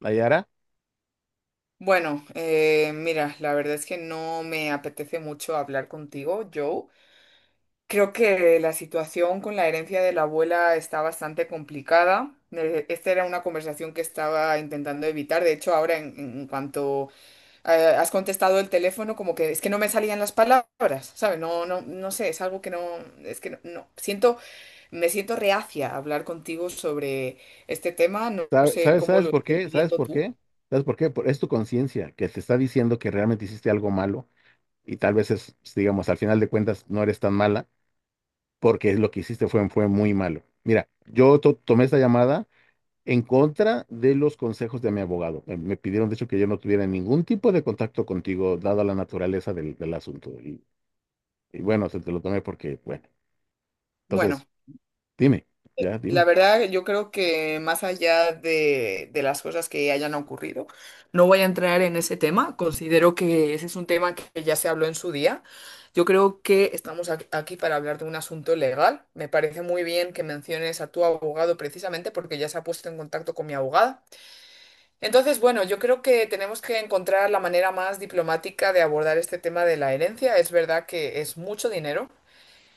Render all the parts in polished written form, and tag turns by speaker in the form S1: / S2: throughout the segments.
S1: Nayara,
S2: Bueno, mira, la verdad es que no me apetece mucho hablar contigo, Joe. Creo que la situación con la herencia de la abuela está bastante complicada. Esta era una conversación que estaba intentando evitar. De hecho, ahora en cuanto eh, has contestado el teléfono, como que es que no me salían las palabras, ¿sabes? No, no sé, es algo que no, es que no, no. Siento, me siento reacia a hablar contigo sobre este tema. No, no
S1: ¿sabe-
S2: sé
S1: ¿sabes,
S2: cómo
S1: sabes
S2: lo
S1: por
S2: estés
S1: qué? ¿Sabes
S2: viviendo
S1: por
S2: tú.
S1: qué? ¿Sabes por qué? Es tu conciencia que te está diciendo que realmente hiciste algo malo y tal vez es, digamos, al final de cuentas no eres tan mala porque lo que hiciste fue muy malo. Mira, yo tomé esta llamada en contra de los consejos de mi abogado. Me pidieron, de hecho, que yo no tuviera ningún tipo de contacto contigo, dada la naturaleza del asunto. Y bueno, se te lo tomé porque, bueno,
S2: Bueno.
S1: entonces, dime, ya,
S2: La
S1: dime.
S2: verdad, yo creo que más allá de las cosas que hayan ocurrido, no voy a entrar en ese tema. Considero que ese es un tema que ya se habló en su día. Yo creo que estamos aquí para hablar de un asunto legal. Me parece muy bien que menciones a tu abogado precisamente porque ya se ha puesto en contacto con mi abogada. Entonces, bueno, yo creo que tenemos que encontrar la manera más diplomática de abordar este tema de la herencia. Es verdad que es mucho dinero.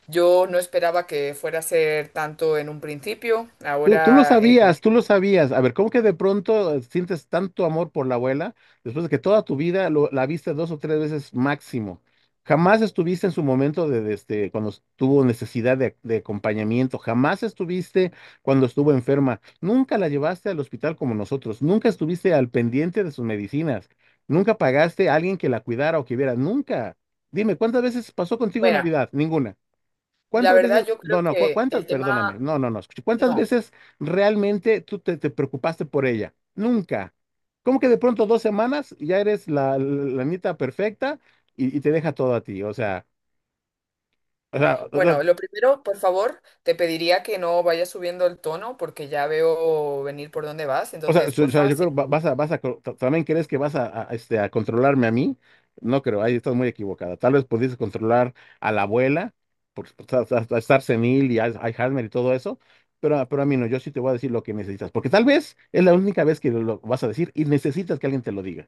S2: Yo no esperaba que fuera a ser tanto en un principio.
S1: Tú lo
S2: Ahora,
S1: sabías, tú lo sabías. A ver, ¿cómo que de pronto sientes tanto amor por la abuela después de que toda tu vida la viste dos o tres veces máximo? Jamás estuviste en su momento cuando tuvo necesidad de acompañamiento, jamás estuviste cuando estuvo enferma, nunca la llevaste al hospital como nosotros, nunca estuviste al pendiente de sus medicinas, nunca pagaste a alguien que la cuidara o que viera, nunca. Dime, ¿cuántas veces pasó contigo
S2: bueno,
S1: Navidad? Ninguna.
S2: la
S1: ¿Cuántas veces,
S2: verdad yo creo
S1: no, no,
S2: que
S1: cuántas,
S2: el
S1: perdóname,
S2: tema,
S1: no, no, no, escuché, ¿cuántas
S2: no.
S1: veces realmente tú te preocupaste por ella? Nunca. ¿Cómo que de pronto 2 semanas y ya eres la nita perfecta y te deja todo a ti? O sea, o sea, o sea,
S2: Bueno, lo primero, por favor, te pediría que no vayas subiendo el tono porque ya veo venir por dónde vas.
S1: O sea,
S2: Entonces,
S1: so- o sea,
S2: porfa,
S1: yo
S2: si
S1: creo vas a, también crees que vas a, a controlarme a mí. No creo, ahí estás muy equivocada. Tal vez pudieses controlar a la abuela por estar senil y Alzheimer y todo eso, pero, pero a mí no, yo sí te voy a decir lo que necesitas, porque tal vez es la única vez que lo vas a decir y necesitas que alguien te lo diga.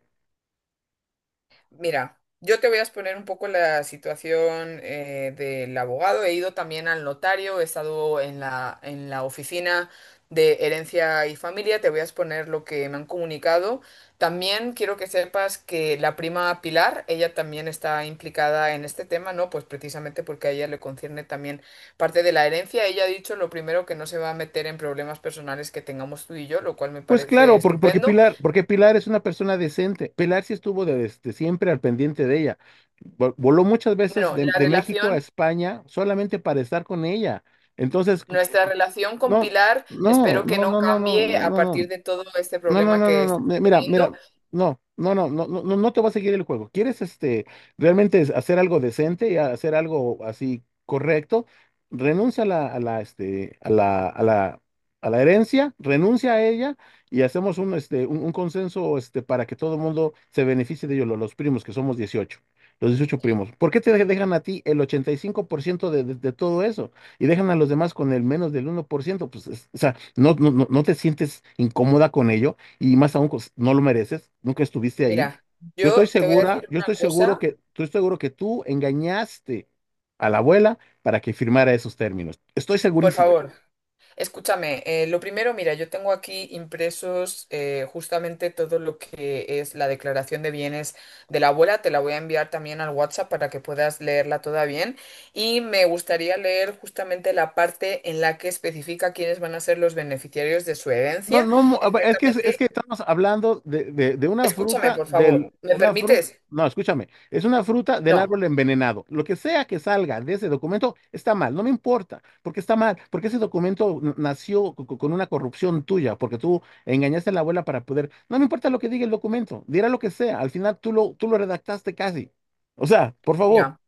S2: mira, yo te voy a exponer un poco la situación del abogado. He ido también al notario, he estado en en la oficina de herencia y familia. Te voy a exponer lo que me han comunicado. También quiero que sepas que la prima Pilar, ella también está implicada en este tema, ¿no? Pues precisamente porque a ella le concierne también parte de la herencia. Ella ha dicho lo primero que no se va a meter en problemas personales que tengamos tú y yo, lo cual me
S1: Pues
S2: parece
S1: claro,
S2: estupendo.
S1: Porque Pilar es una persona decente. Pilar sí estuvo desde siempre al pendiente de ella. Voló muchas veces
S2: Bueno,
S1: de,
S2: la
S1: de México a
S2: relación...
S1: España solamente para estar con ella. Entonces,
S2: Nuestra relación con
S1: no,
S2: Pilar
S1: no,
S2: espero que
S1: no,
S2: no
S1: no, no, no,
S2: cambie
S1: no,
S2: a
S1: no, no.
S2: partir de todo este
S1: No, no,
S2: problema
S1: no,
S2: que
S1: no, no.
S2: estamos
S1: Mira,
S2: teniendo.
S1: mira, no, no, no, no, no, no no te va a seguir el juego. ¿Quieres este realmente hacer algo decente y hacer algo así correcto? Renuncia a la herencia, renuncia a ella y hacemos un consenso para que todo el mundo se beneficie de ello, los primos, que somos 18, los 18 primos. ¿Por qué te dejan a ti el 85% de todo eso y dejan a los demás con el menos del 1%? Pues, o sea, no, no te sientes incómoda con ello y más aún pues, no lo mereces, nunca estuviste ahí.
S2: Mira,
S1: Yo estoy
S2: yo te voy a
S1: segura,
S2: decir
S1: yo
S2: una
S1: estoy seguro
S2: cosa,
S1: que tú engañaste a la abuela para que firmara esos términos. Estoy
S2: por
S1: segurísimo.
S2: favor, escúchame. Lo primero, mira, yo tengo aquí impresos justamente todo lo que es la declaración de bienes de la abuela. Te la voy a enviar también al WhatsApp para que puedas leerla toda bien. Y me gustaría leer justamente la parte en la que especifica quiénes van a ser los beneficiarios de su
S1: No,
S2: herencia.
S1: no, a ver, es que
S2: Exactamente.
S1: estamos hablando de una
S2: Escúchame,
S1: fruta,
S2: por favor. ¿Me
S1: una fruta,
S2: permites?
S1: no, escúchame, es una fruta del
S2: No.
S1: árbol envenenado. Lo que sea que salga de ese documento está mal, no me importa, porque está mal, porque ese documento nació con una corrupción tuya, porque tú engañaste a la abuela para poder, no me importa lo que diga el documento, dirá lo que sea, al final tú lo redactaste casi. O sea, por favor.
S2: Mira,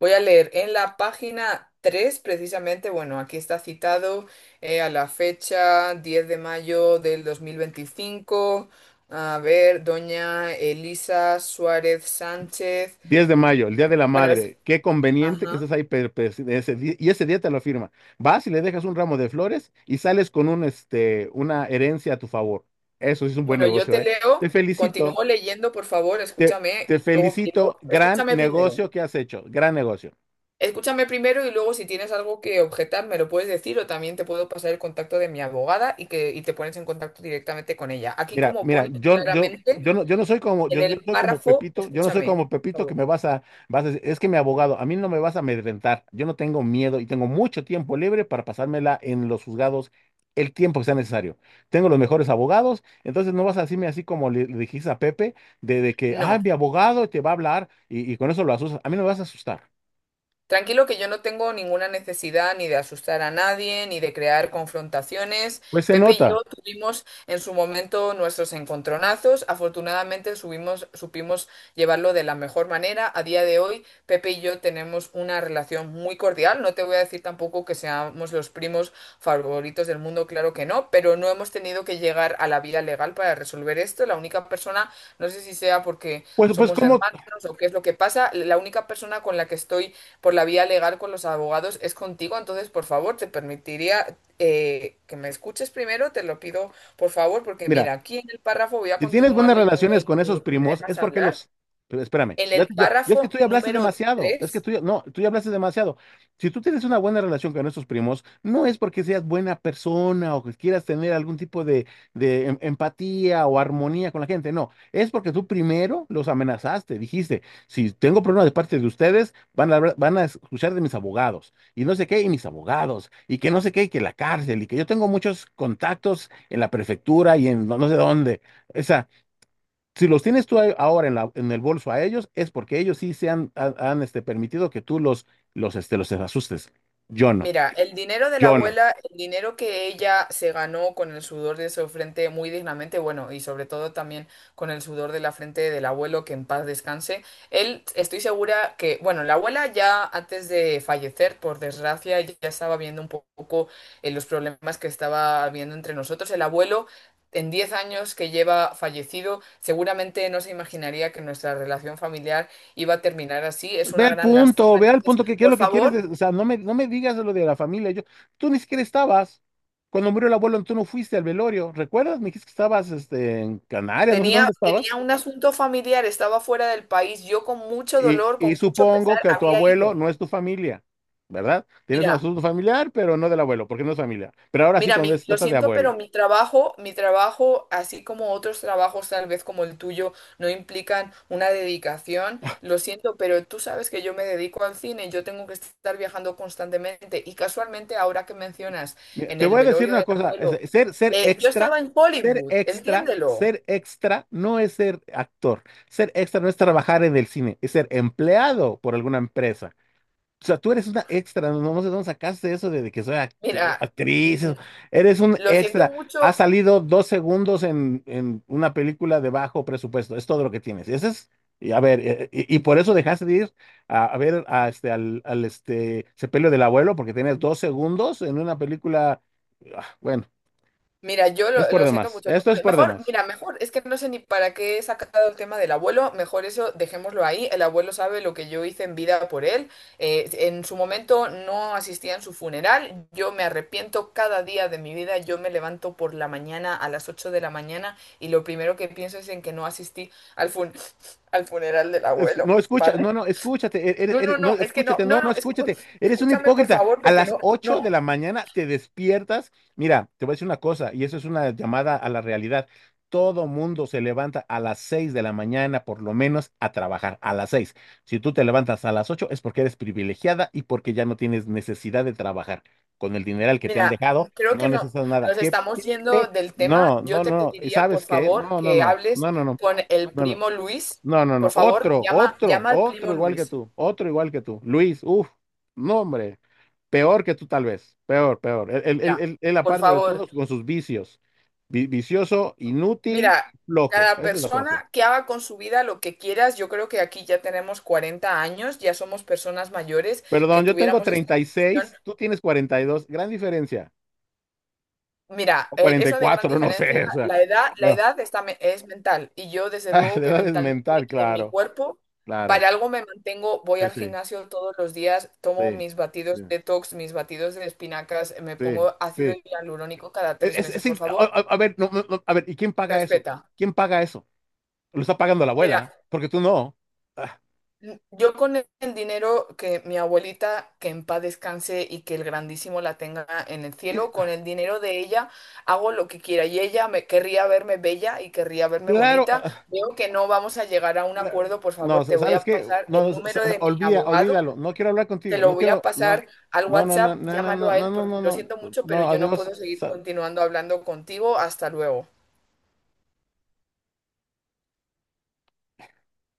S2: voy a leer en la página 3, precisamente, bueno, aquí está citado a la fecha 10 de mayo de 2025. A ver, doña Elisa Suárez Sánchez.
S1: 10 de mayo, el Día de la
S2: Bueno, es...
S1: Madre. Qué conveniente que estés
S2: Ajá.
S1: ahí, per- per- ese di- y ese día te lo firma. Vas y le dejas un ramo de flores y sales con una herencia a tu favor. Eso sí es un buen
S2: Bueno, yo
S1: negocio,
S2: te
S1: ¿eh? Te
S2: leo,
S1: felicito,
S2: continúo leyendo, por favor,
S1: te,
S2: escúchame.
S1: te felicito. Gran
S2: Escúchame primero.
S1: negocio que has hecho, gran negocio.
S2: Escúchame primero y luego si tienes algo que objetar me lo puedes decir o también te puedo pasar el contacto de mi abogada y que te pones en contacto directamente con ella. Aquí
S1: Mira,
S2: como
S1: mira,
S2: pone claramente
S1: yo no soy como,
S2: en
S1: yo
S2: el
S1: soy como
S2: párrafo,
S1: Pepito, yo no soy
S2: escúchame,
S1: como
S2: por
S1: Pepito que
S2: favor.
S1: me vas a decir, es que mi abogado, a mí no me vas a amedrentar, yo no tengo miedo y tengo mucho tiempo libre para pasármela en los juzgados el tiempo que sea necesario. Tengo los mejores abogados, entonces no vas a decirme así como le dijiste a Pepe, de que, ah,
S2: No.
S1: mi abogado te va a hablar y con eso lo asustas, a mí no me vas a asustar.
S2: Tranquilo que yo no tengo ninguna necesidad ni de asustar a nadie, ni de crear confrontaciones.
S1: Pues se
S2: Pepe y
S1: nota.
S2: yo tuvimos en su momento nuestros encontronazos. Afortunadamente supimos llevarlo de la mejor manera. A día de hoy, Pepe y yo tenemos una relación muy cordial. No te voy a decir tampoco que seamos los primos favoritos del mundo, claro que no, pero no hemos tenido que llegar a la vía legal para resolver esto. La única persona, no sé si sea porque
S1: Pues,
S2: somos
S1: ¿cómo?
S2: hermanos o qué es lo que pasa, la única persona con la que estoy por la vía legal con los abogados es contigo, entonces por favor te permitiría que me escuches primero, te lo pido por favor, porque
S1: Mira.
S2: mira, aquí en el párrafo voy a
S1: Si tienes
S2: continuar
S1: buenas
S2: leyendo
S1: relaciones con
S2: en
S1: esos
S2: lo que me
S1: primos, es
S2: dejas
S1: porque
S2: hablar.
S1: los... pero espérame,
S2: En
S1: ya,
S2: el
S1: ya- ya es que
S2: párrafo
S1: tú ya hablaste
S2: número
S1: demasiado, es que
S2: tres
S1: tú ya, no, tú ya hablaste demasiado. Si tú tienes una buena relación con esos primos, no es porque seas buena persona o que quieras tener algún tipo de empatía o armonía con la gente, no, es porque tú primero los amenazaste, dijiste, si tengo problemas de parte de ustedes, van a escuchar de mis abogados y no sé qué, y mis abogados, y que no sé qué, y que la cárcel, y que yo tengo muchos contactos en la prefectura y en no sé dónde. O sea, si los tienes tú ahí ahora en la, en el bolso a ellos, es porque ellos sí se han, permitido que tú los asustes. Yo no,
S2: Mira, el dinero de la
S1: yo no.
S2: abuela, el dinero que ella se ganó con el sudor de su frente muy dignamente, bueno, y sobre todo también con el sudor de la frente del abuelo, que en paz descanse. Él, estoy segura que, bueno, la abuela ya antes de fallecer, por desgracia, ya estaba viendo un poco los problemas que estaba habiendo entre nosotros. El abuelo, en 10 años que lleva fallecido, seguramente no se imaginaría que nuestra relación familiar iba a terminar así. Es una gran lástima.
S1: Ve al
S2: Entonces,
S1: punto que qué es
S2: por
S1: lo que quieres.
S2: favor.
S1: O sea, no me digas lo de la familia. Yo, tú ni siquiera estabas. Cuando murió el abuelo, tú no fuiste al velorio. ¿Recuerdas? Me dijiste que estabas, este, en Canarias, no sé dónde estabas.
S2: Tenía un asunto familiar, estaba fuera del país. Yo con mucho
S1: Y,
S2: dolor, con
S1: y
S2: mucho
S1: supongo
S2: pesar,
S1: que tu
S2: había
S1: abuelo
S2: ido.
S1: no es tu familia, ¿verdad? Tienes un
S2: Mira,
S1: asunto familiar, pero no del abuelo, porque no es familia. Pero ahora sí,
S2: mira,
S1: cuando se
S2: lo
S1: trata de
S2: siento, pero
S1: abuela.
S2: mi trabajo, así como otros trabajos, tal vez como el tuyo, no implican una dedicación. Lo siento, pero tú sabes que yo me dedico al cine, yo tengo que estar viajando constantemente. Y casualmente, ahora que mencionas
S1: Mira,
S2: en
S1: te
S2: el
S1: voy a decir
S2: velorio
S1: una
S2: del
S1: cosa,
S2: abuelo,
S1: ser
S2: yo
S1: extra,
S2: estaba en
S1: ser
S2: Hollywood,
S1: extra,
S2: entiéndelo.
S1: ser extra no es ser actor, ser extra no es trabajar en el cine, es ser empleado por alguna empresa. O sea, tú eres una extra, no, no sé dónde sacaste eso de que soy
S2: Mira,
S1: actriz,
S2: mm,
S1: eso. Eres un
S2: lo siento
S1: extra. Has
S2: mucho.
S1: salido 2 segundos en una película de bajo presupuesto, es todo lo que tienes. Ese es, y a ver, y por eso dejaste de ir a ver al sepelio del abuelo, porque tienes 2 segundos en una película. Ah, bueno,
S2: Mira, yo
S1: es por
S2: lo siento
S1: demás,
S2: mucho. No,
S1: esto es por
S2: mejor,
S1: demás.
S2: mira, mejor, es que no sé ni para qué he sacado el tema del abuelo, mejor eso dejémoslo ahí. El abuelo sabe lo que yo hice en vida por él. En su momento no asistía en su funeral. Yo me arrepiento cada día de mi vida. Yo me levanto por la mañana a las 8 de la mañana y lo primero que pienso es en que no asistí al al funeral del abuelo,
S1: No, escucha, no,
S2: ¿vale?
S1: no, escúchate,
S2: No,
S1: no,
S2: no, es que
S1: escúchate,
S2: no,
S1: no, no, escúchate, eres un
S2: escúchame por
S1: hipócrita.
S2: favor,
S1: A
S2: porque
S1: las
S2: no,
S1: 8
S2: no.
S1: de la mañana te despiertas. Mira, te voy a decir una cosa, y eso es una llamada a la realidad. Todo mundo se levanta a las 6 de la mañana, por lo menos, a trabajar, a las 6 si tú te levantas a las 8 es porque eres privilegiada y porque ya no tienes necesidad de trabajar. Con el dineral que te han
S2: Mira,
S1: dejado,
S2: creo
S1: no
S2: que no,
S1: necesitas nada.
S2: nos
S1: Qué
S2: estamos yendo
S1: triste.
S2: del tema.
S1: No,
S2: Yo
S1: no,
S2: te
S1: no, ¿y
S2: pediría, por
S1: sabes qué?
S2: favor,
S1: No, no,
S2: que
S1: no,
S2: hables
S1: no, no, no,
S2: con el
S1: no, no.
S2: primo Luis.
S1: No, no,
S2: Por
S1: no.
S2: favor,
S1: Otro, otro,
S2: llama al
S1: otro
S2: primo
S1: igual que
S2: Luis.
S1: tú. Otro igual que tú. Luis, uff, no, hombre. Peor que tú, tal vez. Peor, peor.
S2: Mira,
S1: Él,
S2: por
S1: aparte de
S2: favor,
S1: todos, con sus vicios. Vicioso, inútil,
S2: mira,
S1: flojo.
S2: cada
S1: Eso es lo que hace.
S2: persona que haga con su vida lo que quieras, yo creo que aquí ya tenemos 40 años, ya somos personas mayores, que
S1: Perdón, yo tengo
S2: tuviéramos esta
S1: treinta y
S2: discusión.
S1: seis, tú tienes 42, gran diferencia.
S2: Mira,
S1: O cuarenta y
S2: eso de gran
S1: cuatro, no
S2: diferencia,
S1: sé. O sea,
S2: la
S1: no.
S2: edad está, es mental y yo desde
S1: Ah,
S2: luego
S1: la
S2: que
S1: edad es
S2: mentalmente
S1: mental,
S2: y en mi
S1: claro.
S2: cuerpo,
S1: Claro.
S2: para algo me mantengo, voy
S1: Sí,
S2: al
S1: sí,
S2: gimnasio todos los días, tomo
S1: sí,
S2: mis
S1: sí,
S2: batidos detox, mis batidos de espinacas, me
S1: sí,
S2: pongo ácido
S1: sí.
S2: hialurónico cada tres meses,
S1: Es
S2: por
S1: in-
S2: favor,
S1: a- A ver, no, no, no, a ver, ¿y quién paga eso?
S2: respeta.
S1: ¿Quién paga eso? Lo está pagando la
S2: Mira,
S1: abuela, porque tú no. Ah,
S2: yo con el dinero que mi abuelita, que en paz descanse y que el grandísimo la tenga en el
S1: y-
S2: cielo, con el dinero de ella hago lo que quiera y ella me querría verme bella y querría verme
S1: claro.
S2: bonita. Veo que no vamos a llegar a un acuerdo, por favor,
S1: No,
S2: te voy
S1: ¿sabes
S2: a
S1: qué?
S2: pasar
S1: No,
S2: el
S1: no,
S2: número de mi
S1: olvida,
S2: abogado,
S1: olvídalo. No quiero hablar
S2: te
S1: contigo.
S2: lo
S1: No
S2: voy a
S1: quiero. No,
S2: pasar al
S1: no, no, no,
S2: WhatsApp,
S1: no, no,
S2: llámalo
S1: no,
S2: a él
S1: no, no,
S2: porque
S1: no,
S2: lo siento
S1: no.
S2: mucho,
S1: No,
S2: pero yo no
S1: adiós.
S2: puedo seguir continuando hablando contigo. Hasta luego.